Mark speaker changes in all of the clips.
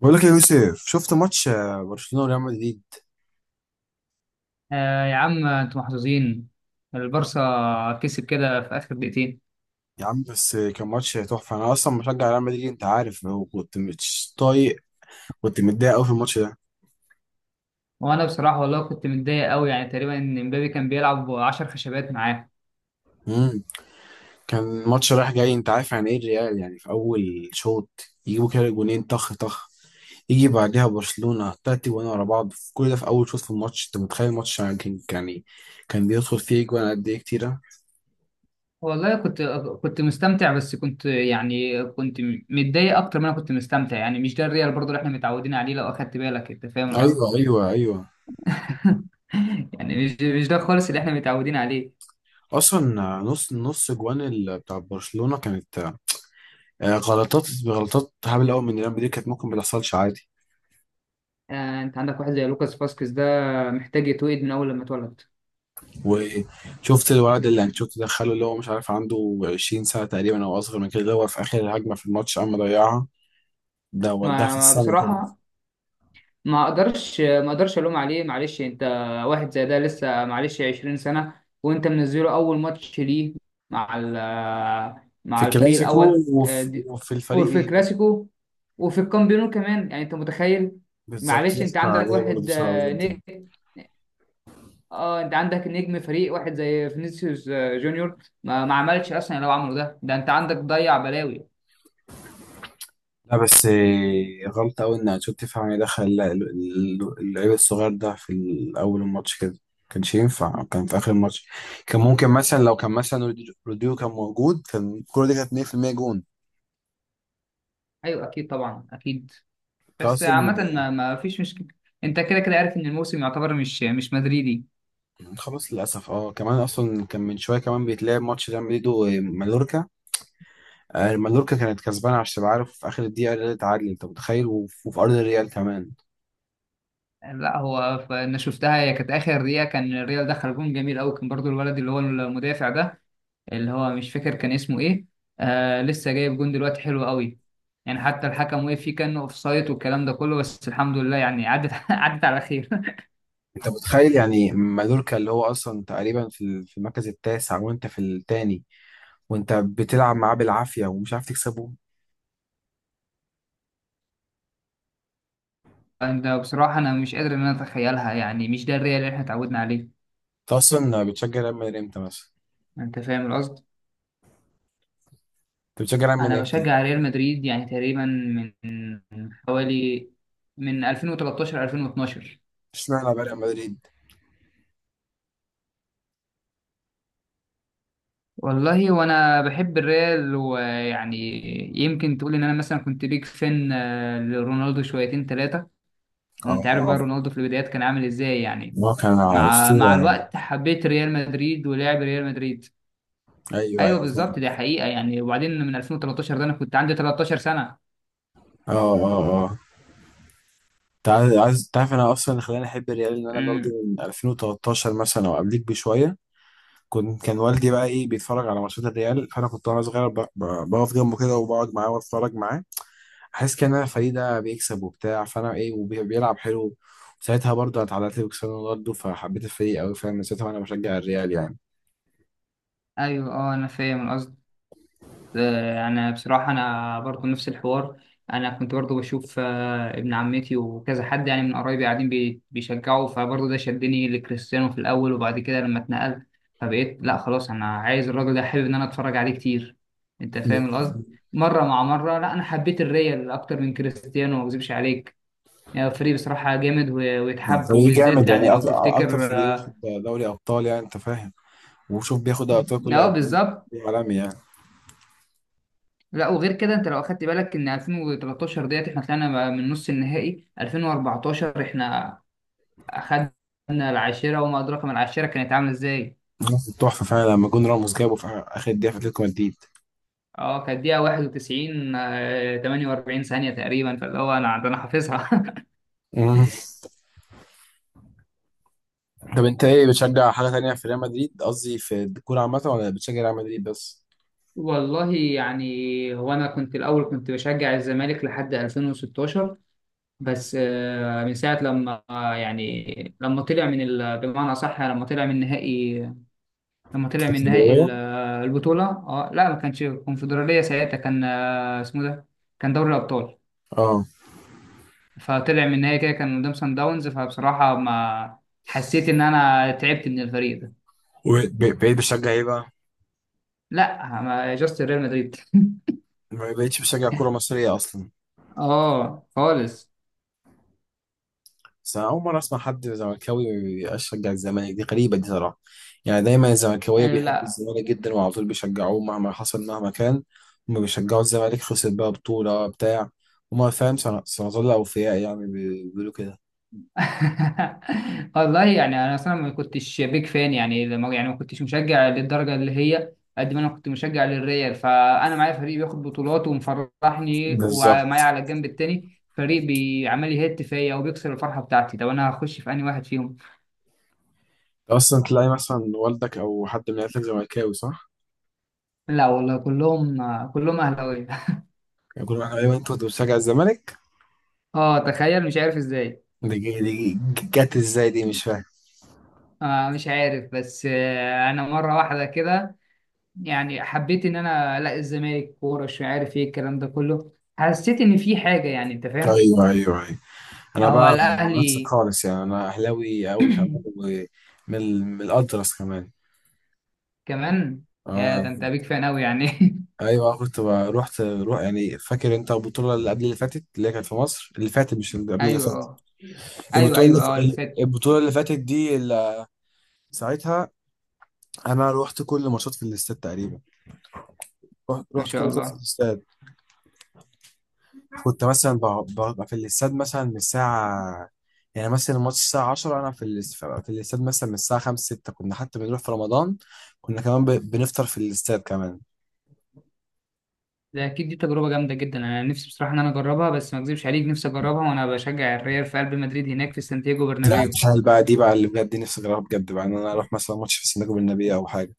Speaker 1: بقول لك يا يوسف، شفت ماتش برشلونة وريال مدريد؟
Speaker 2: آه يا عم انتوا محظوظين. البارسا كسب كده في اخر دقيقتين.
Speaker 1: يا عم بس كان ماتش تحفة. أنا أصلا مشجع ريال مدريد أنت عارف، وكنت مش طايق. كنت متضايق أوي في الماتش ده.
Speaker 2: وانا بصراحه والله كنت متضايق قوي، يعني تقريبا ان امبابي كان بيلعب 10 خشبات معاه.
Speaker 1: مم. كان ماتش رايح جاي، أنت عارف يعني إيه الريال. يعني في أول شوط يجيبوا كده جونين طخ طخ، يجي بعدها برشلونة 3 جوان ورا بعض، في كل ده في أول شوط في الماتش. أنت متخيل الماتش يعني كان يعني كان بيدخل فيه جوان قد إيه كتيرة.
Speaker 2: والله كنت مستمتع، بس كنت يعني كنت متضايق اكتر ما انا كنت مستمتع. يعني مش ده الريال برضو اللي احنا متعودين عليه، لو اخدت بالك انت فاهم القصد.
Speaker 1: أيوه، أيوه، أيوه.
Speaker 2: يعني مش ده خالص اللي احنا متعودين عليه.
Speaker 1: اصلا نص نص جوان بتاع برشلونه كانت غلطات غلطات هبل قوي من ريال مدريد، كانت ممكن ما تحصلش عادي.
Speaker 2: آه انت عندك واحد زي لوكاس فاسكيز ده محتاج يتوقد من اول لما اتولد.
Speaker 1: وشفت الولد اللي انشيلوتي دخله، اللي هو مش عارف عنده 20 سنه تقريبا او اصغر من كده، اللي هو في اخر الهجمه في الماتش قام ضيعها، ده وداها
Speaker 2: ما
Speaker 1: في
Speaker 2: ما
Speaker 1: السما طبعا.
Speaker 2: بصراحه ما اقدرش الوم عليه. معلش انت، واحد زي ده لسه معلش 20 سنه وانت منزله اول ماتش ليه مع ال-
Speaker 1: في
Speaker 2: مع الفريق
Speaker 1: كلاسيكو
Speaker 2: الاول،
Speaker 1: وفي الفريق
Speaker 2: وفي
Speaker 1: ال-
Speaker 2: كلاسيكو وفي الكامبيونو كمان، يعني انت متخيل.
Speaker 1: بالظبط،
Speaker 2: معلش انت
Speaker 1: ضغط
Speaker 2: عندك
Speaker 1: عليه برضه
Speaker 2: واحد
Speaker 1: بسرعه.
Speaker 2: نجم. اه انت عندك نجم فريق واحد زي فينيسيوس جونيور ما عملش اصلا. لو عمله ده انت عندك ضيع بلاوي.
Speaker 1: لا بس غلطة أوي إن أنشيلوتي تفهم يدخل اللعيب الصغير ده في أول الماتش كده، كانش ينفع، كان في آخر الماتش. كان ممكن مثلا لو كان مثلا روديو كان موجود كان الكورة دي كانت 100% جون.
Speaker 2: ايوه اكيد طبعا اكيد.
Speaker 1: أنت
Speaker 2: بس عامة
Speaker 1: أصلا
Speaker 2: ما فيش مشكلة. انت كده كده عارف ان الموسم يعتبر مش مدريدي.
Speaker 1: خلاص، للأسف. أه، كمان أصلا كان من شوية كمان بيتلعب ماتش ريال مدريد ومالوركا. مالوركا كانت كسبانة، عشان تبقى عارف، في آخر الدقيقة اللي اتعادل، أنت متخيل؟ وفي أرض الريال كمان.
Speaker 2: لا هو انا شفتها، هي كانت اخر دقيقة كان الريال دخل جون جميل قوي، كان برضو الولد اللي هو المدافع ده، اللي هو مش فاكر كان اسمه ايه. آه لسه جايب جون دلوقتي حلو قوي، يعني حتى الحكم وقف فيه كانه اوفسايد والكلام ده كله، بس الحمد لله يعني عدت عدت على خير.
Speaker 1: أنت متخيل يعني مالوركا اللي هو أصلا تقريبا في في المركز التاسع وأنت في التاني، وانت بتلعب معاه بالعافيه ومش عارف تكسبه.
Speaker 2: ده بصراحة انا مش قادر ان انا اتخيلها، يعني مش ده الريال اللي احنا اتعودنا عليه.
Speaker 1: انت اصلا بتشجع ريال مدريد امتى مثلا؟
Speaker 2: انت فاهم القصد.
Speaker 1: انت بتشجع ريال
Speaker 2: انا
Speaker 1: مدريد امتى؟
Speaker 2: بشجع ريال مدريد يعني تقريبا من حوالي من 2013 2012.
Speaker 1: اشمعنى بقى ريال مدريد؟
Speaker 2: والله وانا بحب الريال ويعني يمكن تقول ان انا مثلا كنت بيك فان لرونالدو شويتين ثلاثه. وانت عارف
Speaker 1: اه.
Speaker 2: بقى رونالدو في البدايات كان عامل ازاي يعني.
Speaker 1: هو كان
Speaker 2: مع
Speaker 1: اسطوره يعني.
Speaker 2: الوقت حبيت ريال مدريد ولعب ريال مدريد.
Speaker 1: ايوه،
Speaker 2: ايوه
Speaker 1: ايوه، فاهم.
Speaker 2: بالظبط دي حقيقه يعني، وبعدين من 2013 ده انا كنت عندي 13 سنه.
Speaker 1: اه، اه، اه. انت تعرف انا اصلا اللي خلاني احب الريال ان انا برضه
Speaker 2: امم
Speaker 1: من 2013 مثلا او قبليك بشويه. كان والدي بقى ايه بيتفرج على ماتشات الريال، فانا كنت وانا صغير بقف جنبه كده وبقعد معاه واتفرج معاه، حاسس كان انا فريق ده بيكسب وبتاع، فانا ايه وبيلعب حلو. وساعتها برضه انا اتعلقت بكريستيانو رونالدو، فحبيت الفريق قوي، فاهم؟ من ساعتها وانا بشجع الريال يعني.
Speaker 2: ايوه اه انا فاهم القصد. انا بصراحه انا برضو نفس الحوار. انا كنت برضو بشوف ابن عمتي وكذا حد، يعني من قرايبي قاعدين بيشجعوا، فبرضو ده شدني لكريستيانو في الاول، وبعد كده لما اتنقلت فبقيت لا خلاص انا عايز الراجل ده، حابب ان انا اتفرج عليه كتير. انت فاهم القصد. مره مع مره لا انا حبيت الريال اكتر من كريستيانو ما اكذبش عليك. يعني فريق بصراحه جامد ويتحب،
Speaker 1: فريق
Speaker 2: وبالذات
Speaker 1: جامد
Speaker 2: يعني
Speaker 1: يعني
Speaker 2: لو
Speaker 1: اكتر
Speaker 2: تفتكر
Speaker 1: فريق
Speaker 2: اه
Speaker 1: واخد دوري ابطال، يعني انت فاهم، وشوف بياخد ابطال كل قد
Speaker 2: بالظبط.
Speaker 1: ايه، عالمي يعني.
Speaker 2: لا وغير كده انت لو اخدت بالك ان 2013 ديت احنا طلعنا من نص النهائي، 2014 احنا اخدنا العاشرة وما ادراك ما العاشرة كانت عاملة ازاي.
Speaker 1: تحفه فعلا لما جون راموس جابه في اخر دقيقه في اتلتيكو مدريد.
Speaker 2: اه كانت دقيقة 91 48 ثانية تقريبا، فاللي هو انا ده انا حافظها.
Speaker 1: مم. طب انت ايه، بتشجع حاجه تانية في ريال مدريد، قصدي في الكوره عامه، ولا بتشجع ريال مدريد بس؟
Speaker 2: والله يعني هو انا كنت الاول كنت بشجع الزمالك لحد 2016، بس من ساعة لما يعني لما طلع من بمعنى صح، لما طلع من نهائي، لما طلع
Speaker 1: في
Speaker 2: من نهائي
Speaker 1: الكورة؟
Speaker 2: البطولة. اه لا ما كانش كونفدرالية ساعتها، كان اسمه ده كان دوري الأبطال.
Speaker 1: اه.
Speaker 2: فطلع من النهائي كده كان قدام سان داونز، فبصراحة ما حسيت إن أنا تعبت من الفريق ده.
Speaker 1: وبقيت بشجع ايه بقى؟
Speaker 2: لا ما جاست ريال مدريد.
Speaker 1: ما بقيتش بشجع كوره مصريه اصلا.
Speaker 2: اه خالص.
Speaker 1: بس أنا أول مرة أسمع حد زملكاوي يشجع الزمالك، دي غريبة دي صراحة. يعني دايما الزملكاوية بيحبوا
Speaker 2: لا.
Speaker 1: الزمالك جدا وعلى طول بيشجعوه مهما حصل مهما كان. هما بيشجعوا الزمالك، خسر بقى بطولة بتاع، هما فاهم سنظل أوفياء يعني، بيقولوا كده.
Speaker 2: والله يعني انا اصلا ما كنتش بيك فان، يعني لما يعني ما كنتش مشجع للدرجه اللي هي، قد ما انا كنت مشجع للريال، فانا معايا فريق بياخد بطولات ومفرحني، ومعايا
Speaker 1: بالظبط.
Speaker 2: على الجنب التاني فريق بيعمل لي هيت فيا وبيكسر الفرحه بتاعتي، طب انا هخش في انهي واحد فيهم.
Speaker 1: أصلا تلاقي مثلا والدك أو حد من عيلتك زملكاوي، صح؟
Speaker 2: لا والله كلهم كلهم اهلاويه.
Speaker 1: يقول لك أيوه أنت كنت بتشجع الزمالك.
Speaker 2: اه تخيل مش عارف ازاي.
Speaker 1: دي جت إزاي، دي مش فاهم.
Speaker 2: آه مش عارف، بس آه انا مره واحده كده يعني حبيت ان انا الاقي الزمالك كوره، مش عارف ايه الكلام ده كله، حسيت ان في حاجه، يعني انت فاهم.
Speaker 1: أيوه، أيوه. انا
Speaker 2: هو
Speaker 1: بقى عكسك
Speaker 2: الاهلي.
Speaker 1: خالص، يعني انا اهلاوي قوي كمان. ومن ال- من الاطرس كمان.
Speaker 2: كمان. يا
Speaker 1: اه.
Speaker 2: ده انت بيك فان قوي يعني.
Speaker 1: ايوه كنت رحت روح، يعني فاكر انت البطوله اللي قبل اللي فاتت اللي هي كانت في مصر، اللي فاتت مش اللي قبل اللي
Speaker 2: ايوه
Speaker 1: فاتت.
Speaker 2: اه. ايوه
Speaker 1: البطوله اللي
Speaker 2: ايوه اه اللي فات.
Speaker 1: البطوله اللي فاتت دي، اللي ساعتها انا رحت كل ماتشات في الاستاد تقريبا. رحت
Speaker 2: ما
Speaker 1: رحت كل
Speaker 2: شاء
Speaker 1: ماتشات في
Speaker 2: الله.
Speaker 1: الاستاد. كنت مثلا ببقى في الاستاد مثلا من الساعة، يعني مثلا الماتش الساعة 10، أنا في الاستاد مثلا من الساعة 5 6. كنا حتى بنروح في رمضان، كنا كمان بنفطر في الاستاد كمان.
Speaker 2: ده اكيد دي تجربه جامده جدا، انا نفسي بصراحه ان انا اجربها، بس ما اكذبش عليك نفسي اجربها وانا بشجع الريال في قلب مدريد هناك في سانتياغو
Speaker 1: لا
Speaker 2: برنابيو.
Speaker 1: تخيل بقى، دي بقى اللي بجد نفسي أجربها بجد بقى، إن أنا أروح مثلا ماتش في سيناجو بالنبي أو حاجة.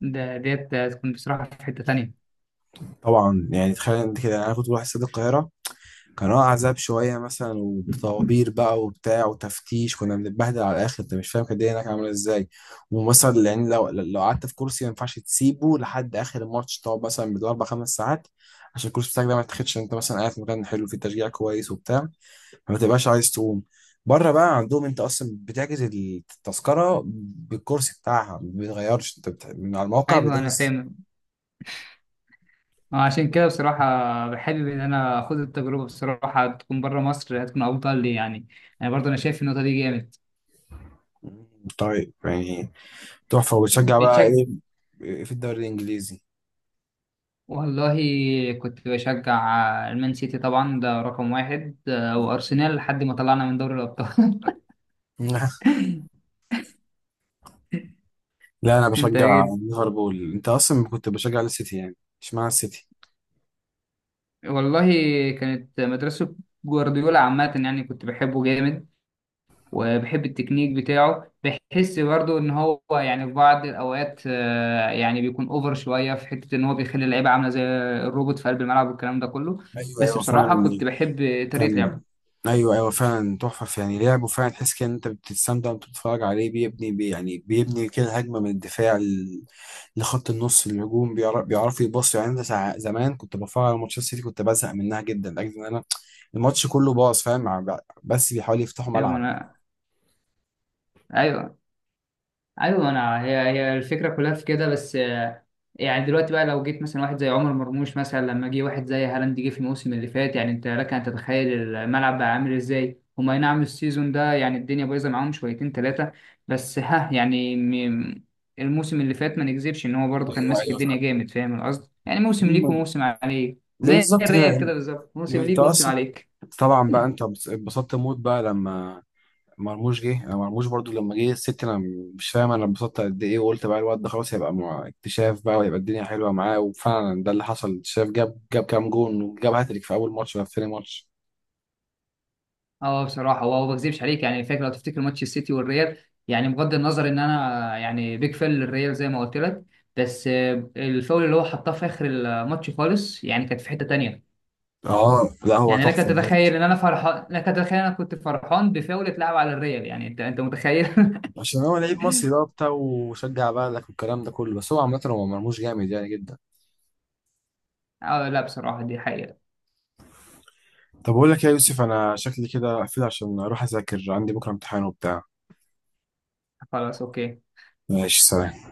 Speaker 2: ده ديت هتكون بصراحه في حته تانيه.
Speaker 1: طبعا، يعني تخيل أنت كده، أنا كنت بروح استاد القاهرة، كان اه عذاب شوية مثلا، وطوابير بقى وبتاع وتفتيش، كنا بنتبهدل على الآخر، أنت مش فاهم كانت الدنيا هناك عاملة إزاي. ومثلا يعني لو قعدت في كرسي ما ينفعش تسيبه لحد آخر الماتش، تقعد مثلا 4 5 ساعات، عشان الكرسي بتاعك ده ما يتاخدش، إن أنت مثلا قاعد في مكان حلو فيه تشجيع كويس وبتاع، فما تبقاش عايز تقوم. بره بقى عندهم أنت أصلا بتحجز التذكرة بالكرسي بتاعها ما بيتغيرش، أنت من على الموقع
Speaker 2: ايوه انا
Speaker 1: بتحجز.
Speaker 2: فاهم. عشان كده بصراحة بحابب إن أنا أخد التجربة، بصراحة تكون بره مصر هتكون أفضل لي يعني. يعني برضه أنا شايف النقطة دي جامد.
Speaker 1: طيب يعني تحفة، وبتشجع بقى
Speaker 2: بتشجع.
Speaker 1: إيه في الدوري الإنجليزي؟
Speaker 2: والله كنت بشجع المان سيتي طبعا ده رقم واحد، وأرسنال لحد ما طلعنا من دوري الأبطال.
Speaker 1: لا انا
Speaker 2: أنت
Speaker 1: بشجع
Speaker 2: إيه؟
Speaker 1: ليفربول، انت اصلا كنت بشجع السيتي يعني؟ اشمعنى السيتي؟
Speaker 2: والله كانت مدرسة جوارديولا عامة، يعني كنت بحبه جامد وبحب التكنيك بتاعه، بحس برضو ان هو يعني في بعض الاوقات يعني بيكون اوفر شويه في حته ان هو بيخلي اللعيبه عامله زي الروبوت في قلب الملعب والكلام ده كله.
Speaker 1: ايوه،
Speaker 2: بس
Speaker 1: ايوه،
Speaker 2: بصراحه
Speaker 1: فعلا.
Speaker 2: كنت بحب طريقه لعبه.
Speaker 1: كان ايوه، ايوه، فعلا تحفه، يعني لعبه فعلا تحس كده ان انت بتستمتع وانت بتتفرج عليه، بيبني يعني بيبني كده هجمه من الدفاع لخط النص الهجوم، بيعرف يبص، يعني انا زمان كنت بتفرج على ماتشات السيتي، كنت بزهق منها جدا لاجل ان انا الماتش كله باظ، فاهم بس بيحاولوا يفتحوا
Speaker 2: ايوه
Speaker 1: ملعب.
Speaker 2: انا، ايوه ايوه. انا هي الفكره كلها في كده. بس يعني دلوقتي بقى لو جيت مثلا واحد زي عمر مرموش، مثلا لما جه واحد زي هالاند جه في الموسم اللي فات، يعني انت لك ان تتخيل الملعب بقى عامل ازاي. هما أي نعم السيزون ده يعني الدنيا بايظه معاهم شويتين ثلاثه، بس ها يعني م- الموسم اللي فات ما نكذبش ان هو برضه كان
Speaker 1: ايوه،
Speaker 2: ماسك
Speaker 1: ايوه، صح.
Speaker 2: الدنيا جامد، فاهم القصد يعني موسم ليك وموسم عليك، زي
Speaker 1: بالظبط
Speaker 2: الريال
Speaker 1: كده.
Speaker 2: كده بالظبط موسم
Speaker 1: انت
Speaker 2: ليك وموسم
Speaker 1: اصلا
Speaker 2: عليك.
Speaker 1: طبعا بقى انت اتبسطت موت بقى لما مرموش جه، انا مرموش برضو لما جه الست، انا مش فاهم انا انبسطت قد ايه، وقلت بقى الواد ده خلاص هيبقى مع اكتشاف بقى، ويبقى الدنيا حلوه معاه، وفعلا ده اللي حصل اكتشاف، جاب كام جون وجاب هاتريك في اول ماتش ولا في ثاني ماتش.
Speaker 2: اه بصراحه هو ما بكذبش عليك، يعني فاكر لو تفتكر ماتش السيتي والريال، يعني بغض النظر ان انا يعني بيج فان للريال زي ما قلت لك، بس الفاول اللي هو حطاه في اخر الماتش خالص يعني كانت في حته تانيه.
Speaker 1: اه، لا هو
Speaker 2: يعني لك
Speaker 1: تحفه بجد.
Speaker 2: تتخيل ان انا فرحان، لك تتخيل انا كنت فرحان بفاول اتلعب على الريال يعني، انت متخيل.
Speaker 1: عشان هو لعيب مصري بقى وبتاع، وشجع بلدك والكلام ده كله، بس هو عامة هو مرموش جامد يعني جدا.
Speaker 2: اه لا بصراحه دي حقيقه.
Speaker 1: طب أقول لك إيه يا يوسف، أنا شكلي كده أقفل عشان أروح أذاكر، عندي بكرة امتحان وبتاع.
Speaker 2: خلاص اوكي.
Speaker 1: ماشي، سلام.